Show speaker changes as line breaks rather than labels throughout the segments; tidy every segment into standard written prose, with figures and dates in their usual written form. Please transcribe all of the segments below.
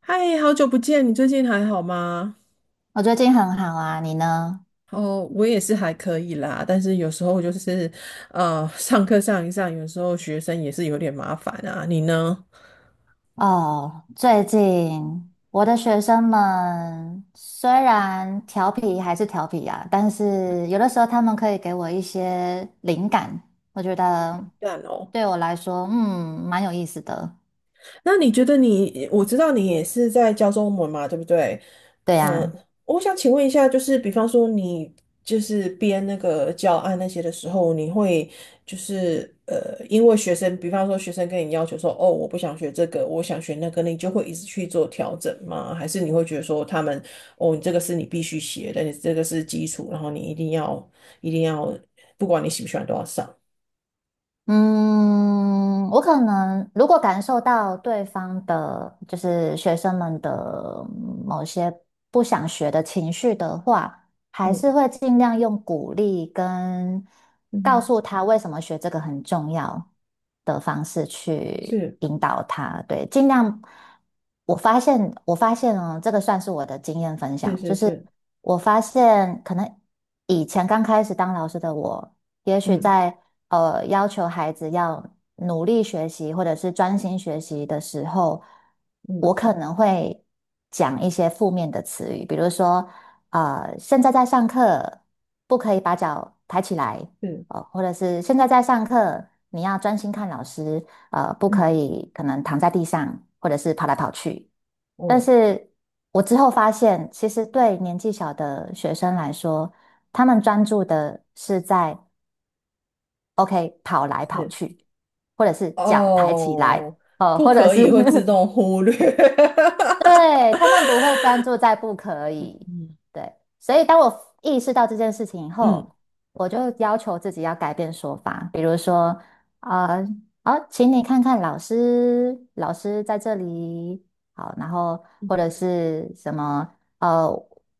嗨，好久不见，你最近还好吗？
我最近很好啊，你呢？
哦，我也是还可以啦，但是有时候就是，上课上一上，有时候学生也是有点麻烦啊。你呢？
哦，最近我的学生们虽然调皮还是调皮啊，但是有的时候他们可以给我一些灵感，我觉得
淡哦。
对我来说，蛮有意思的。
那你觉得你，我知道你也是在教中文嘛，对不对？
对呀。
嗯，我想请问一下，就是比方说你就是编那个教案那些的时候，你会就是因为学生，比方说学生跟你要求说，哦，我不想学这个，我想学那个，你就会一直去做调整吗？还是你会觉得说他们，哦，你这个是你必须学的，你这个是基础，然后你一定要，不管你喜不喜欢都要上。
嗯，我可能如果感受到对方的，就是学生们的某些不想学的情绪的话。还
嗯
是会尽量用鼓励跟告
嗯，
诉他为什么学这个很重要的方式去
是
引导他。对，尽量。我发现哦，这个算是我的经验分
是
享，就
是
是
是，
我发现可能以前刚开始当老师的我，也许
嗯
在要求孩子要努力学习或者是专心学习的时候，我
嗯
可能会讲一些负面的词语，比如说。现在在上课，不可以把脚抬起来。
是。
或者是现在在上课，你要专心看老师。不
嗯
可以可能躺在地上，或者是跑来跑去。但
哦，
是我之后发现，其实对年纪小的学生来说，他们专注的是在 OK 跑来跑
是
去，或者是脚抬起来，
哦，不
或者
可
是
以会自 动忽略。
对，他们不会专注在不可以。
嗯
对，所以当我意识到这件事情以
嗯，
后，我就要求自己要改变说法，比如说，呃，好，请你看看老师，老师在这里。好，然后或者是什么，呃，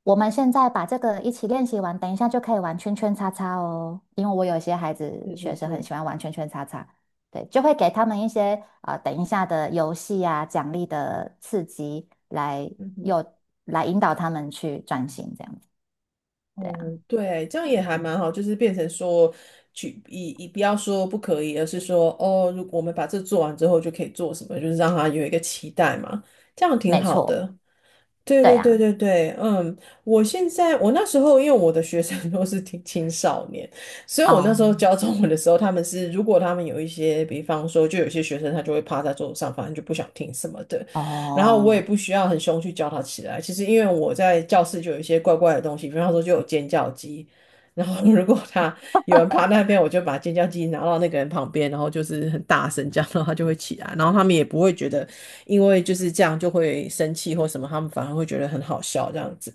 我们现在把这个一起练习完，等一下就可以玩圈圈叉叉哦，因为我有些孩子
是是
学生很
是，
喜欢玩圈圈叉叉。对，就会给他们一些啊、等一下的游戏啊、奖励的刺激来
嗯哼，
诱引导他们去专心这样子。对啊。
哦，对，这样也还蛮好，就是变成说，去以不要说不可以，而是说，哦，如果我们把这做完之后就可以做什么，就是让他有一个期待嘛，这样挺
没
好
错。
的。对
对
对
啊。
对对对，嗯，我现在我那时候因为我的学生 都是青少年，所以我那
哦
时候教中文的时候，他们是如果他们有一些，比方说就有些学生他就会趴在桌子上，反正就不想听什么的，然后我也
哦。
不需要很凶去教他起来。其实因为我在教室就有一些怪怪的东西，比方说就有尖叫鸡，然后如果他有人趴那边，我就把尖叫鸡拿到那个人旁边，然后就是很大声这样，然后他就会起来，然后他们也不会觉得因为就是这样就会生气或什么，他们反而会觉得很好笑这样子。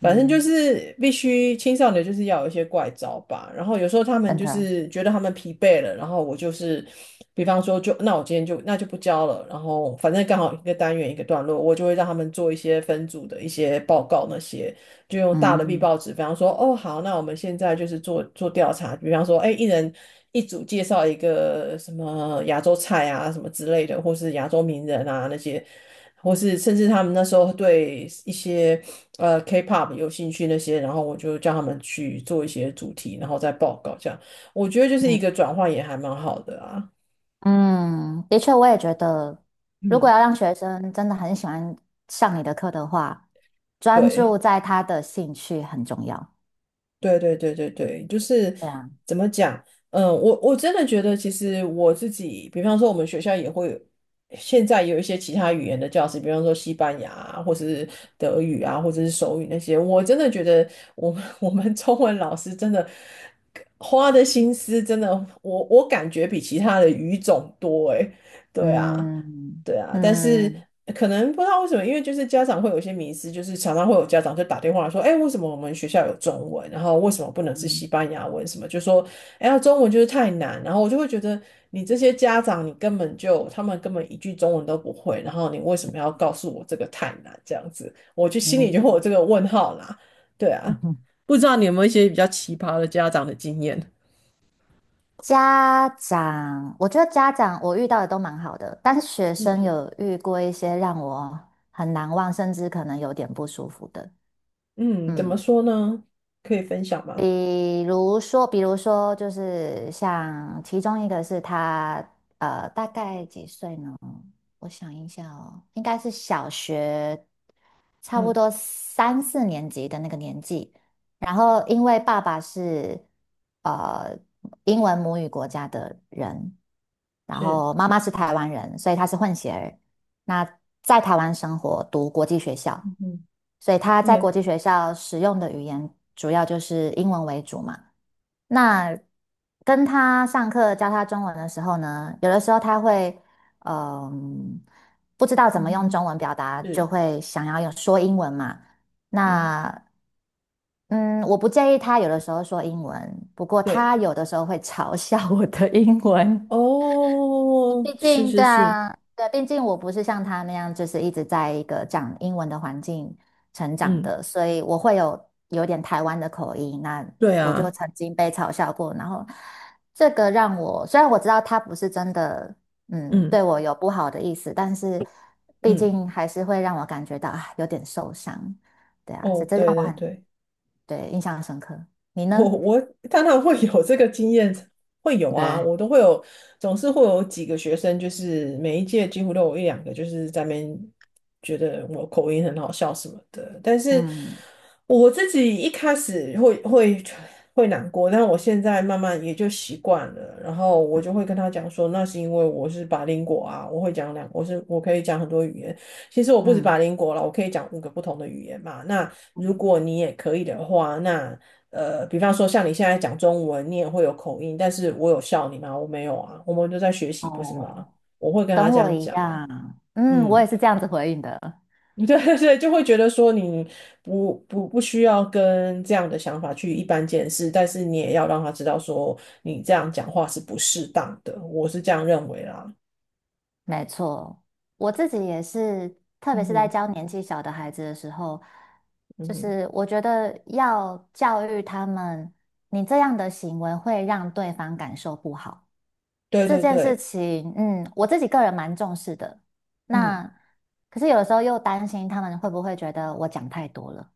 反正就是必须青少年就是要有一些怪招吧。然后有时候他们
真
就
的。
是觉得他们疲惫了，然后我就是，比方说就那我今天就那就不教了。然后反正刚好一个单元一个段落，我就会让他们做一些分组的一些报告那些，就用大的 B
嗯
报纸，比方说哦好，那我们现在就是做做调查，比方说哎一人。一组介绍一个什么亚洲菜啊，什么之类的，或是亚洲名人啊那些，或是甚至他们那时候对一些K-pop 有兴趣那些，然后我就叫他们去做一些主题，然后再报告这样。我觉得就是
嗯
一个转换也还蛮好的啊。
嗯。的确，我也觉得，如果
嗯，
要让学生真的很喜欢上你的课的话，专
对。
注在他的兴趣很重要。
对对对对对，就是
对啊。
怎么讲？嗯，我真的觉得，其实我自己，比方说我们学校也会有，现在有一些其他语言的教室，比方说西班牙啊，或者是德语啊，或者是手语那些，我真的觉得我们 我们中文老师真的花的心思，真的，我感觉比其他的语种多诶。对啊，
嗯
对啊，但是
嗯
可能不知道为什么，因为就是家长会有一些迷失，就是常常会有家长就打电话说，哎，为什么我们学校有中文，然后为什么不能是西
嗯
班牙文什么，就说，哎呀，中文就是太难，然后我就会觉得你这些家长，你根本就他们根本一句中文都不会，然后你为什么要告诉我这个太难这样子，我就心里
嗯。
就会有这个问号啦，对啊，
嗯
不知道你有没有一些比较奇葩的家长的经验？
家长，我觉得家长我遇到的都蛮好的，但是学
嗯
生
嗯
有遇过一些让我很难忘，甚至可能有点不舒服的。
嗯，怎么
嗯，
说呢？可以分享吗？
比如说就是像其中一个是他，大概几岁呢？我想一下哦，应该是小学，差不
嗯，
多三四年级的那个年纪。然后，因为爸爸是呃英文母语国家的人。然
是，
后妈妈是台湾人，所以她是混血儿。那在台湾生活，读国际学校，
嗯
所以她在国
嗯
际学校使用的语言主要就是英文为主嘛。那跟她上课教她中文的时候呢，有的时候她会，嗯、不知道怎
嗯
么用
哼，
中文表达，就
是，
会想要有说英文嘛。
嗯，
那嗯，我不介意她有的时候说英文，不过
对，
她有的时候会嘲笑我的英文。
哦，
毕
是
竟，对
是是，
啊，对，毕竟我不是像他那样，就是一直在一个讲英文的环境成长
嗯，
的，所以我会有点台湾的口音。那
对
我就
啊，
曾经被嘲笑过，然后这个让我，虽然我知道他不是真的，
嗯
对我有不好的意思，但是毕
嗯，
竟还是会让我感觉到啊，有点受伤。对啊，所以
哦，
这让
对
我
对
很，
对，
对，印象深刻。你呢？
当然会有这个经验，会有啊，
对。
我都会有，总是会有几个学生，就是每一届几乎都有一两个，就是在那边觉得我口音很好笑什么的。但是
嗯
我自己一开始会难过，但我现在慢慢也就习惯了。然后我就会跟他讲说，那是因为我是 b i 果啊，我会讲两，我是我可以讲很多语言。其实我不止法
嗯
林国了，我可以讲五个不同的语言嘛。那如
嗯。
果你也可以的话，那比方说像你现在讲中文，你也会有口音，但是我有笑你吗？我没有啊，我们都在学习，不是吗？
哦。
我会跟他
跟
这
我
样
一
讲啊，
样，我
嗯，
也是这样子回应的。
对对对，就会觉得说你不需要跟这样的想法去一般见识，但是你也要让他知道说你这样讲话是不适当的，我是这样认为啦。
没错，我自己也是，特别
嗯
是在
哼，
教年纪小的孩子的时候，
嗯
就
哼，
是我觉得要教育他们，你这样的行为会让对方感受不好，
对
这
对
件事
对，
情，我自己个人蛮重视的。
嗯，
那可是有的时候又担心他们会不会觉得我讲太多了。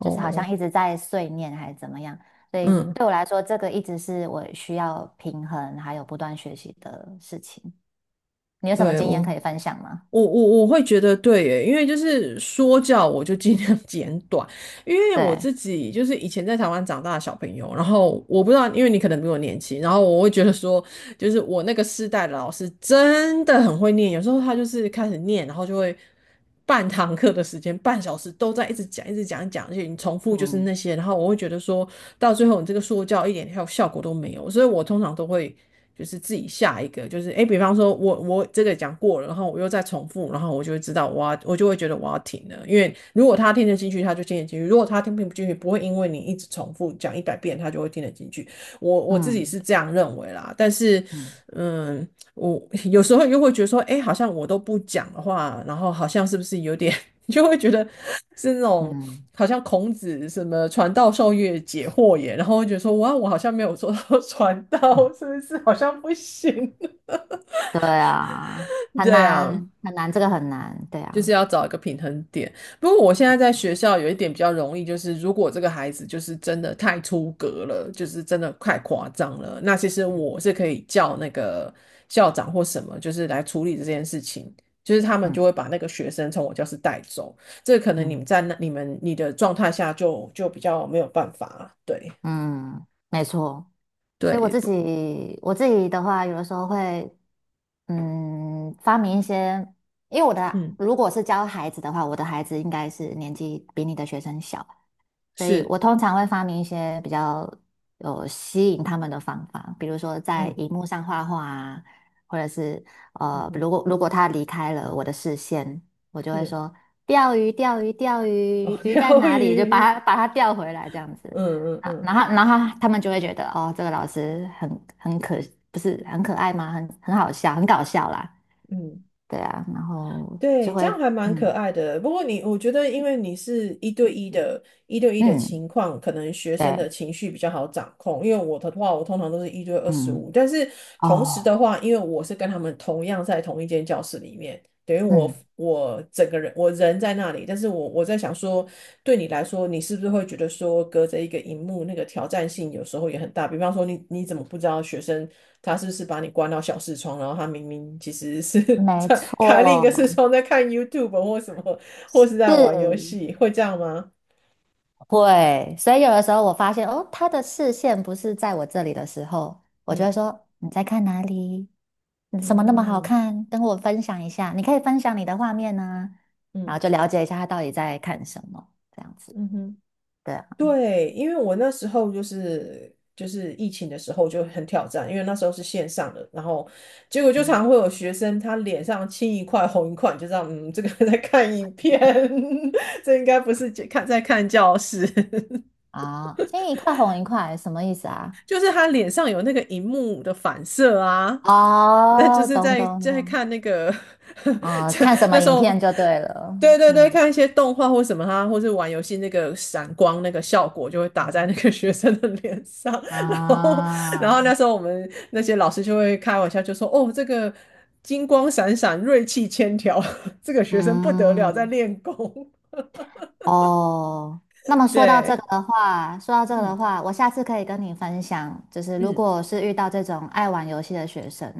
就是好像一直在碎念还是怎么样，所以
嗯。
对我来说，这个一直是我需要平衡还有不断学习的事情。你有什么
对
经
我，
验可以分享吗？
我会觉得对耶，因为就是说教我就尽量 简短，因为我
对。
自己就是以前在台湾长大的小朋友，然后我不知道，因为你可能比我年轻，然后我会觉得说，就是我那个世代的老师真的很会念，有时候他就是开始念，然后就会半堂课的时间，半小时都在一直讲，一直讲，一直讲，而且你重复就是
嗯
那些，然后我会觉得说到最后你这个说教一点效果都没有，所以我通常都会。就是自己下一个，就是哎，比方说我这个讲过了，然后我又再重复，然后我就会知道我就会觉得我要停了，因为如果他听得进去，他就听得进去；如果他听不进去，不会因为你一直重复讲一百遍，他就会听得进去。我自己
嗯
是这样认为啦，但是
嗯
嗯，我 有时候又会觉得说，哎，好像我都不讲的话，然后好像是不是有点你就会觉得是那种
嗯
好像孔子什么传道授业解惑也，然后会觉得说哇，我好像没有做到 传道，
嗯。
是不是好像不行？
对啊。很
对啊，
难很难，这个很难。对
就是
啊。
要找一个平衡点。不过我现在在学校有一点比较容易，就是如果这个孩子就是真的太出格了，就是真的太夸张了，那其实
嗯
我是可以叫那个校长或什么，就是来处理这件事情。就是他们就
嗯
会把那个学生从我教室带走，这个可能你们
嗯
在那你们你的状态下就比较没有办法，对
嗯。没错。所以我
对，
自
不
己我自己的话，有的时候会发明一些，因为
嗯，
如果是教孩子的话，我的孩子应该是年纪比你的学生小，所以
是。
我通常会发明一些比较有吸引他们的方法，比如说在
嗯
荧幕上画画啊，或者是
嗯哼，
如果他离开了我的视线，我就会
是
说钓鱼，钓鱼，钓
哦，
鱼，鱼在
疗
哪里？就把
愈，
它把它钓回来这样子
嗯嗯
啊，然
嗯
后然后他们就会觉得哦，这个老师很很可，不是很可爱吗？很好笑，很搞笑啦。
嗯。
对啊，然后就
对，这
会。
样还蛮可
嗯
爱的。不过你，我觉得，因为你是一对一的，一对一的
嗯。
情况，可能学生
对。
的情绪比较好掌控。因为我的话，我通常都是一对二十五，
嗯。
但是同时的
哦。
话，因为我是跟他们同样在同一间教室里面，等于我
嗯。
我整个人我人在那里，但是我在想说，对你来说，你是不是会觉得说，隔着一个荧幕，那个挑战性有时候也很大？比方说你，你怎么不知道学生他是不是把你关到小视窗，然后他明明其实是
没
在开另一个视
错，
窗在看 YouTube 或什么，或是在玩游
是
戏，会这样吗？
会。所以有的时候我发现，哦，他的视线不是在我这里的时候，我就会
嗯
说："你在看哪里？你什么那么好
嗯
看？跟我分享一下。你可以分享你的画面呢、
嗯
然后就
嗯
了解一下他到底在看什么，这样子。"
嗯哼。
对啊。
对，因为我那时候就是就是疫情的时候就很挑战，因为那时候是线上的，然后结果就
嗯
常会有学生他脸上青一块红一块，你就知道嗯，这个 在看影片，这应该不是看在看教室。
啊，青一块红一块，什么意思啊？
就是他脸上有那个荧幕的反射啊，那就
哦，
是
懂
在
懂
在
懂。
看那个，
哦，
这
看什么
那时
影
候，
片就对了。
对对对，
嗯
看一些动画或什么啊，或是玩游戏那个闪光那个效果就会打在
嗯
那个学生的脸上，然后
啊。
那时候我们那些老师就会开玩笑就说，哦，这个金光闪闪，锐气千条，这个学生不得了，在
嗯。
练功，
哦，那么 说到这个
对，
的话，说到这个的
嗯
话，我下次可以跟你分享，就是如
嗯，
果我是遇到这种爱玩游戏的学生，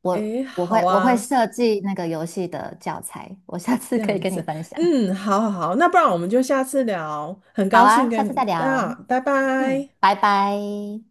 我
诶，
我
好
会我会
啊。
设计那个游戏的教材，我下次
这
可以
样
跟你
子，
分享。
嗯，好好好，那不然我们就下次聊，很
好
高兴
啊，
跟
下次再
你啊，
聊。
拜
嗯，
拜。
拜拜。